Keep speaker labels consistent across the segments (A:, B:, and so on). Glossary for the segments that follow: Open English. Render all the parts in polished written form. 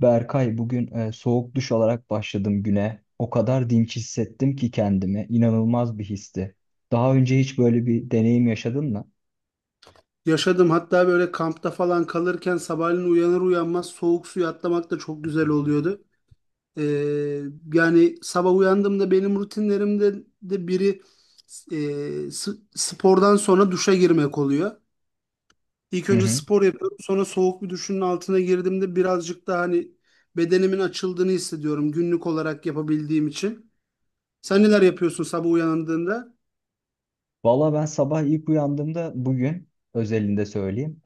A: Berkay, bugün soğuk duş alarak başladım güne. O kadar dinç hissettim ki kendimi. İnanılmaz bir histi. Daha önce hiç böyle bir deneyim yaşadın mı?
B: Yaşadım, hatta böyle kampta falan kalırken sabahleyin uyanır uyanmaz soğuk suya atlamak da çok güzel oluyordu. Ee, Yani sabah uyandığımda benim rutinlerimde de biri e, s- spordan sonra duşa girmek oluyor. İlk
A: Hı
B: önce
A: hı.
B: spor yapıyorum, sonra soğuk bir duşun altına girdiğimde birazcık daha hani bedenimin açıldığını hissediyorum günlük olarak yapabildiğim için. Sen neler yapıyorsun sabah uyandığında?
A: Valla ben sabah ilk uyandığımda bugün özelinde söyleyeyim.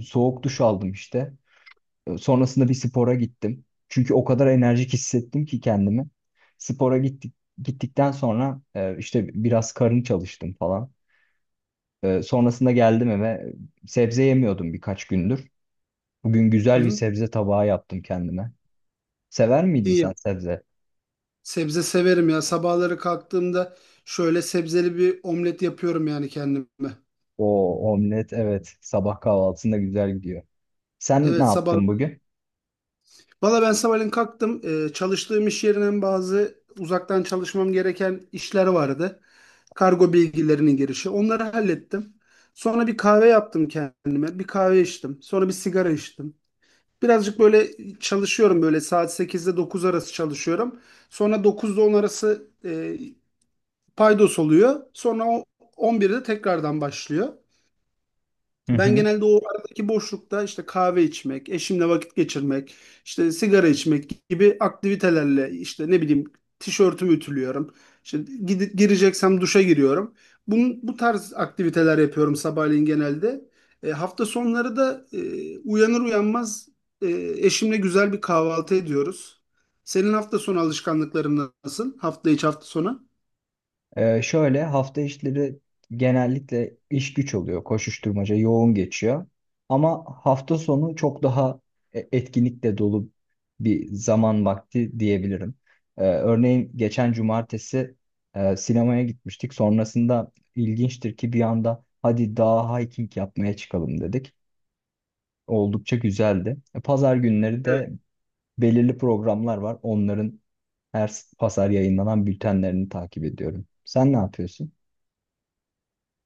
A: Soğuk duş aldım işte. Sonrasında bir spora gittim. Çünkü o kadar enerjik hissettim ki kendimi. Spora gittik, gittikten sonra işte biraz karın çalıştım falan. Sonrasında geldim eve. Sebze yemiyordum birkaç gündür. Bugün
B: Hı
A: güzel bir
B: hı.
A: sebze tabağı yaptım kendime. Sever miydin
B: İyi.
A: sen sebze?
B: Sebze severim ya. Sabahları kalktığımda şöyle sebzeli bir omlet yapıyorum yani kendime.
A: O omlet, evet, sabah kahvaltısında güzel gidiyor. Sen ne
B: Evet, sabah.
A: yaptın bugün?
B: Valla ben sabahleyin kalktım. Çalıştığım iş yerinden bazı uzaktan çalışmam gereken işler vardı. Kargo bilgilerinin girişi. Onları hallettim. Sonra bir kahve yaptım kendime. Bir kahve içtim. Sonra bir sigara içtim. Birazcık böyle çalışıyorum, böyle saat 8'de 9 arası çalışıyorum. Sonra 9'da 10 arası paydos oluyor. Sonra on birde tekrardan başlıyor.
A: Hı
B: Ben
A: hı.
B: genelde o aradaki boşlukta işte kahve içmek, eşimle vakit geçirmek, işte sigara içmek gibi aktivitelerle, işte ne bileyim, tişörtümü ütülüyorum. İşte gireceksem duşa giriyorum. Bunun, bu tarz aktiviteler yapıyorum sabahleyin genelde. Hafta sonları da uyanır uyanmaz e, eşimle güzel bir kahvaltı ediyoruz. Senin hafta sonu alışkanlıkların nasıl? Hafta içi, hafta sonu?
A: Şöyle hafta işleri genellikle iş güç oluyor. Koşuşturmaca yoğun geçiyor. Ama hafta sonu çok daha etkinlikle dolu bir zaman vakti diyebilirim. Örneğin geçen cumartesi sinemaya gitmiştik. Sonrasında ilginçtir ki bir anda hadi daha hiking yapmaya çıkalım dedik. Oldukça güzeldi. Pazar günleri de belirli programlar var. Onların pazar yayınlanan bültenlerini takip ediyorum. Sen ne yapıyorsun?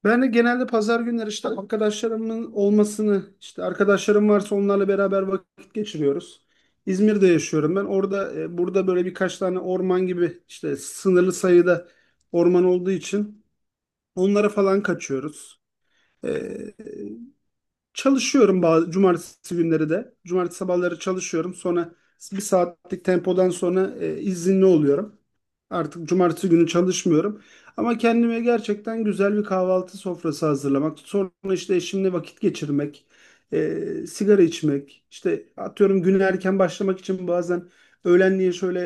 B: Ben de genelde pazar günleri işte arkadaşlarımın olmasını, işte arkadaşlarım varsa onlarla beraber vakit geçiriyoruz. İzmir'de yaşıyorum ben. Orada burada böyle birkaç tane orman gibi, işte sınırlı sayıda orman olduğu için onlara falan kaçıyoruz. E, Çalışıyorum bazı cumartesi günleri de. Cumartesi sabahları çalışıyorum. Sonra bir saatlik tempodan sonra izinli oluyorum. Artık cumartesi günü çalışmıyorum. Ama kendime gerçekten güzel bir kahvaltı sofrası hazırlamak. Sonra işte eşimle vakit geçirmek, e, sigara içmek. İşte atıyorum, güne erken başlamak için bazen öğlenliğe şöyle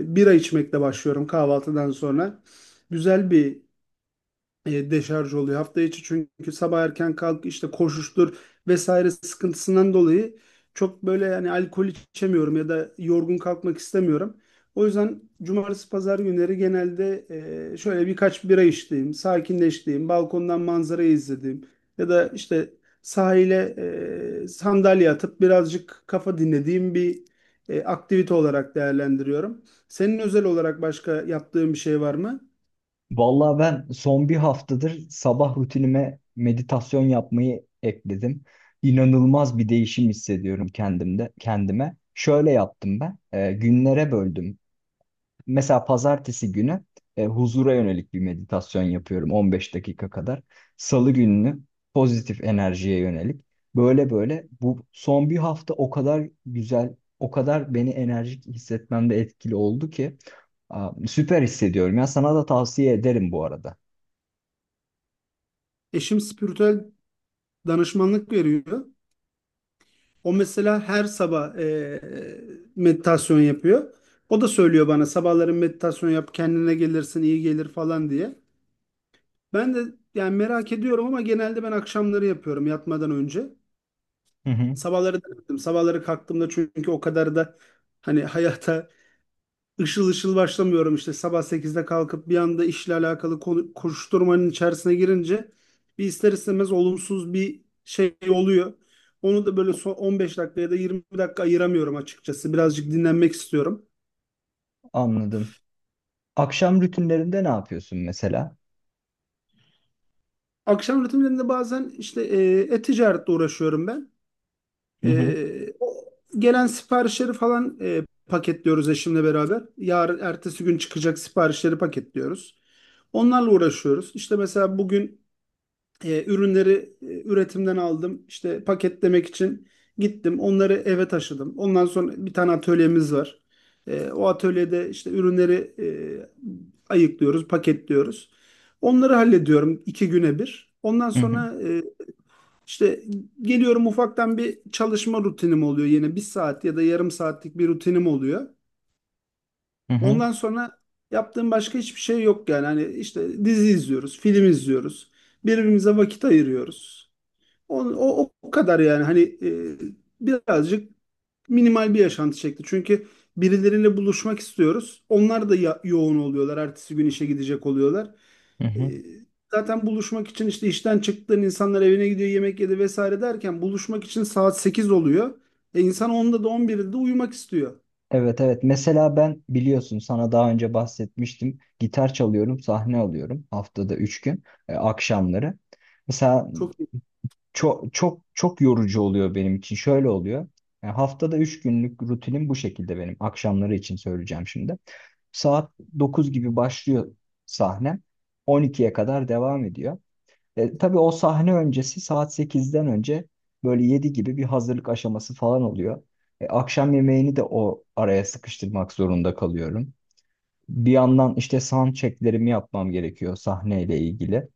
B: bira içmekle başlıyorum kahvaltıdan sonra. Güzel bir deşarj oluyor. Hafta içi çünkü sabah erken kalk, işte koşuştur vesaire sıkıntısından dolayı çok böyle yani alkol içemiyorum ya da yorgun kalkmak istemiyorum. O yüzden cumartesi pazar günleri genelde şöyle birkaç bira içtiğim, sakinleştiğim, balkondan manzarayı izlediğim ya da işte sahile sandalye atıp birazcık kafa dinlediğim bir aktivite olarak değerlendiriyorum. Senin özel olarak başka yaptığın bir şey var mı?
A: Vallahi ben son bir haftadır sabah rutinime meditasyon yapmayı ekledim. İnanılmaz bir değişim hissediyorum kendimde, kendime. Şöyle yaptım ben. Günlere böldüm. Mesela pazartesi günü huzura yönelik bir meditasyon yapıyorum 15 dakika kadar. Salı gününü pozitif enerjiye yönelik. Böyle böyle bu son bir hafta o kadar güzel, o kadar beni enerjik hissetmemde etkili oldu ki aa, süper hissediyorum. Ya sana da tavsiye ederim bu arada.
B: Eşim spiritüel danışmanlık veriyor. O mesela her sabah meditasyon yapıyor. O da söylüyor bana, sabahları meditasyon yap, kendine gelirsin, iyi gelir falan diye. Ben de yani merak ediyorum, ama genelde ben akşamları yapıyorum yatmadan önce.
A: Hı hı,
B: Sabahları da yaptım. Sabahları kalktığımda çünkü o kadar da hani hayata ışıl ışıl başlamıyorum, işte sabah sekizde kalkıp bir anda işle alakalı koşuşturmanın içerisine girince bir ister istemez olumsuz bir şey oluyor. Onu da böyle son 15 dakika ya da 20 dakika ayıramıyorum açıkçası. Birazcık dinlenmek istiyorum.
A: anladım. Akşam rutinlerinde ne yapıyorsun mesela?
B: Akşam rutinlerinde bazen işte e-ticaretle uğraşıyorum ben.
A: Hı hı,
B: O gelen siparişleri falan paketliyoruz eşimle beraber. Yarın ertesi gün çıkacak siparişleri paketliyoruz. Onlarla uğraşıyoruz. İşte mesela bugün ürünleri üretimden aldım. İşte paketlemek için gittim. Onları eve taşıdım. Ondan sonra bir tane atölyemiz var. O atölyede işte ürünleri ayıklıyoruz, paketliyoruz. Onları hallediyorum iki güne bir. Ondan
A: hı hı,
B: sonra işte geliyorum, ufaktan bir çalışma rutinim oluyor yine. Bir saat ya da yarım saatlik bir rutinim oluyor.
A: hı hı.
B: Ondan sonra yaptığım başka hiçbir şey yok yani. Hani işte dizi izliyoruz, film izliyoruz. Birbirimize vakit ayırıyoruz. O kadar yani hani birazcık minimal bir yaşantı çekti. Çünkü birileriyle buluşmak istiyoruz. Onlar da yoğun oluyorlar. Ertesi gün işe gidecek oluyorlar.
A: Hı
B: E,
A: hı.
B: Zaten buluşmak için işte işten çıktığın insanlar evine gidiyor, yemek yedi vesaire derken buluşmak için saat 8 oluyor. İnsan 10'da da 11'de de uyumak istiyor.
A: Evet, evet. Mesela ben biliyorsun sana daha önce bahsetmiştim. Gitar çalıyorum, sahne alıyorum haftada 3 gün akşamları. Mesela
B: Çok.
A: çok çok çok yorucu oluyor benim için. Şöyle oluyor. Yani haftada 3 günlük rutinim bu şekilde benim. Akşamları için söyleyeceğim şimdi. Saat 9 gibi başlıyor sahnem. 12'ye kadar devam ediyor. Tabii o sahne öncesi saat sekizden önce böyle 7 gibi bir hazırlık aşaması falan oluyor. Akşam yemeğini de o araya sıkıştırmak zorunda kalıyorum. Bir yandan işte sound checklerimi yapmam gerekiyor sahneyle ilgili.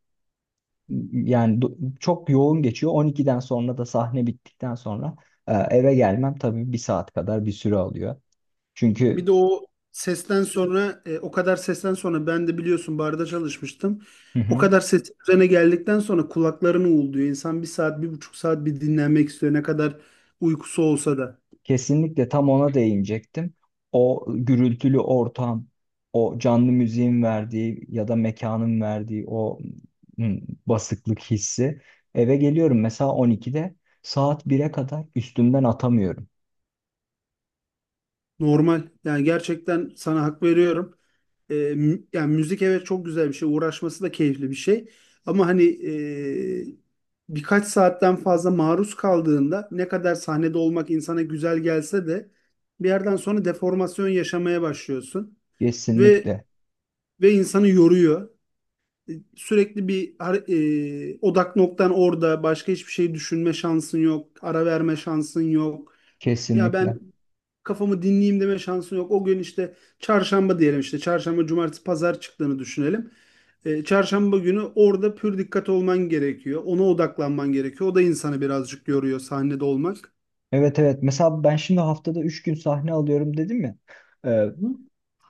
A: Yani çok yoğun geçiyor. 12'den sonra da sahne bittikten sonra eve gelmem tabii bir saat kadar bir süre alıyor.
B: Bir
A: Çünkü
B: de o sesten sonra o kadar sesten sonra ben de biliyorsun barda çalışmıştım. O kadar ses üzerine geldikten sonra kulaklarını uğulduyor. İnsan bir saat, bir buçuk saat bir dinlenmek istiyor. Ne kadar uykusu olsa da.
A: kesinlikle tam ona değinecektim. O gürültülü ortam, o canlı müziğin verdiği ya da mekanın verdiği o hmm, basıklık hissi. Eve geliyorum mesela 12'de, saat 1'e kadar üstümden atamıyorum.
B: Normal. Yani gerçekten sana hak veriyorum. Yani müzik, evet, çok güzel bir şey. Uğraşması da keyifli bir şey. Ama hani birkaç saatten fazla maruz kaldığında, ne kadar sahnede olmak insana güzel gelse de bir yerden sonra deformasyon yaşamaya başlıyorsun. Ve
A: Kesinlikle,
B: insanı yoruyor. Sürekli bir odak noktan orada, başka hiçbir şey düşünme şansın yok, ara verme şansın yok. Ya ben
A: kesinlikle.
B: kafamı dinleyeyim deme şansın yok. O gün işte çarşamba diyelim, işte çarşamba, cumartesi, pazar çıktığını düşünelim. Çarşamba günü orada pür dikkat olman gerekiyor. Ona odaklanman gerekiyor. O da insanı birazcık yoruyor sahnede olmak.
A: Evet, evet, mesela ben şimdi haftada 3 gün sahne alıyorum dedim ya. Ee,
B: Hı.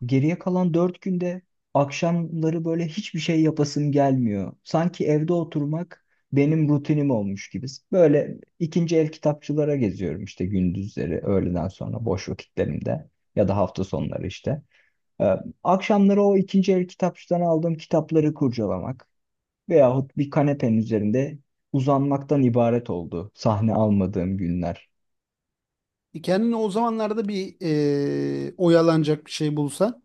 A: Geriye kalan dört günde akşamları böyle hiçbir şey yapasım gelmiyor. Sanki evde oturmak benim rutinim olmuş gibi. Böyle ikinci el kitapçılara geziyorum işte gündüzleri, öğleden sonra boş vakitlerimde ya da hafta sonları işte. Ee, Akşamları o ikinci el kitapçıdan aldığım kitapları kurcalamak veyahut bir kanepenin üzerinde uzanmaktan ibaret oldu sahne almadığım günler.
B: Kendine o zamanlarda bir oyalanacak bir şey bulsan.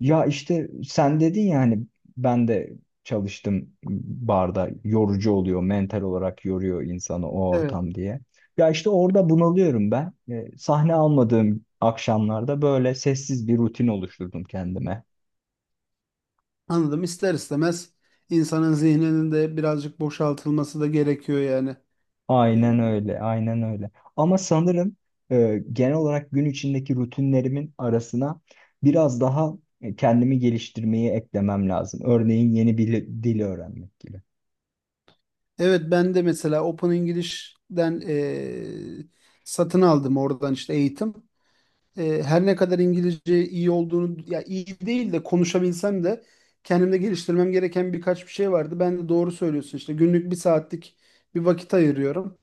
A: Ya işte sen dedin ya hani ben de çalıştım barda, yorucu oluyor, mental olarak yoruyor insanı o
B: Evet.
A: ortam diye. Ya işte orada bunalıyorum ben. Sahne almadığım akşamlarda böyle sessiz bir rutin oluşturdum kendime.
B: Anladım. İster istemez insanın zihninin de birazcık boşaltılması da gerekiyor yani. Ee,
A: Aynen öyle, aynen öyle. Ama sanırım genel olarak gün içindeki rutinlerimin arasına biraz daha kendimi geliştirmeyi eklemem lazım. Örneğin yeni bir dil öğrenmek gibi.
B: Evet, ben de mesela Open English'den satın aldım oradan işte eğitim. Her ne kadar İngilizce iyi olduğunu, ya iyi değil de konuşabilsem de, kendimde geliştirmem gereken birkaç bir şey vardı. Ben de, doğru söylüyorsun, işte günlük bir saatlik bir vakit ayırıyorum.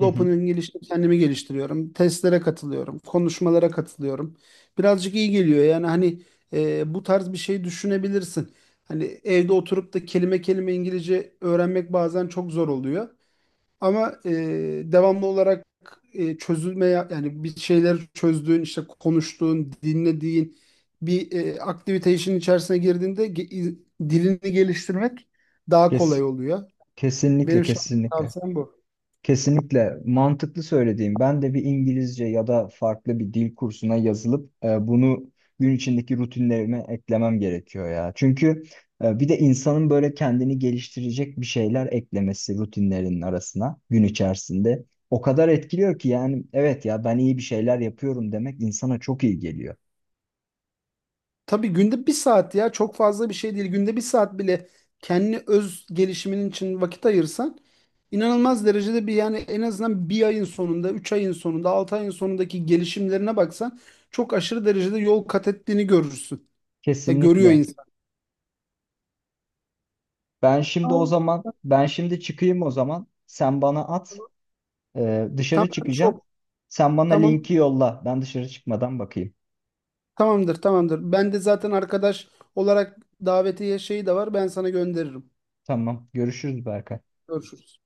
A: Hı
B: Open
A: hı.
B: English'te kendimi geliştiriyorum. Testlere katılıyorum. Konuşmalara katılıyorum. Birazcık iyi geliyor yani hani bu tarz bir şey düşünebilirsin. Hani evde oturup da kelime kelime İngilizce öğrenmek bazen çok zor oluyor. Ama devamlı olarak çözülmeye, yani bir şeyleri çözdüğün, işte konuştuğun, dinlediğin bir aktivite işin içerisine girdiğinde dilini geliştirmek daha
A: Kes.
B: kolay oluyor.
A: Kesinlikle,
B: Benim şahsi
A: kesinlikle.
B: tavsiyem bu.
A: Kesinlikle mantıklı söylediğim. Ben de bir İngilizce ya da farklı bir dil kursuna yazılıp bunu gün içindeki rutinlerime eklemem gerekiyor ya. Çünkü bir de insanın böyle kendini geliştirecek bir şeyler eklemesi rutinlerinin arasına gün içerisinde o kadar etkiliyor ki, yani evet ya, ben iyi bir şeyler yapıyorum demek insana çok iyi geliyor.
B: Tabii günde bir saat ya çok fazla bir şey değil. Günde bir saat bile kendi öz gelişimin için vakit ayırsan, inanılmaz derecede bir, yani en azından bir ayın sonunda, üç ayın sonunda, altı ayın sonundaki gelişimlerine baksan çok aşırı derecede yol kat ettiğini görürsün. Görüyor
A: Kesinlikle.
B: insan.
A: Ben şimdi o
B: Tamam.
A: zaman ben şimdi çıkayım o zaman. Sen bana at. Dışarı
B: Tamam,
A: çıkacağım.
B: çok.
A: Sen bana
B: Tamam.
A: linki yolla. Ben dışarı çıkmadan bakayım.
B: Tamamdır, tamamdır. Ben de zaten arkadaş olarak davetiye şeyi de var. Ben sana gönderirim.
A: Tamam. Görüşürüz Berkay.
B: Görüşürüz.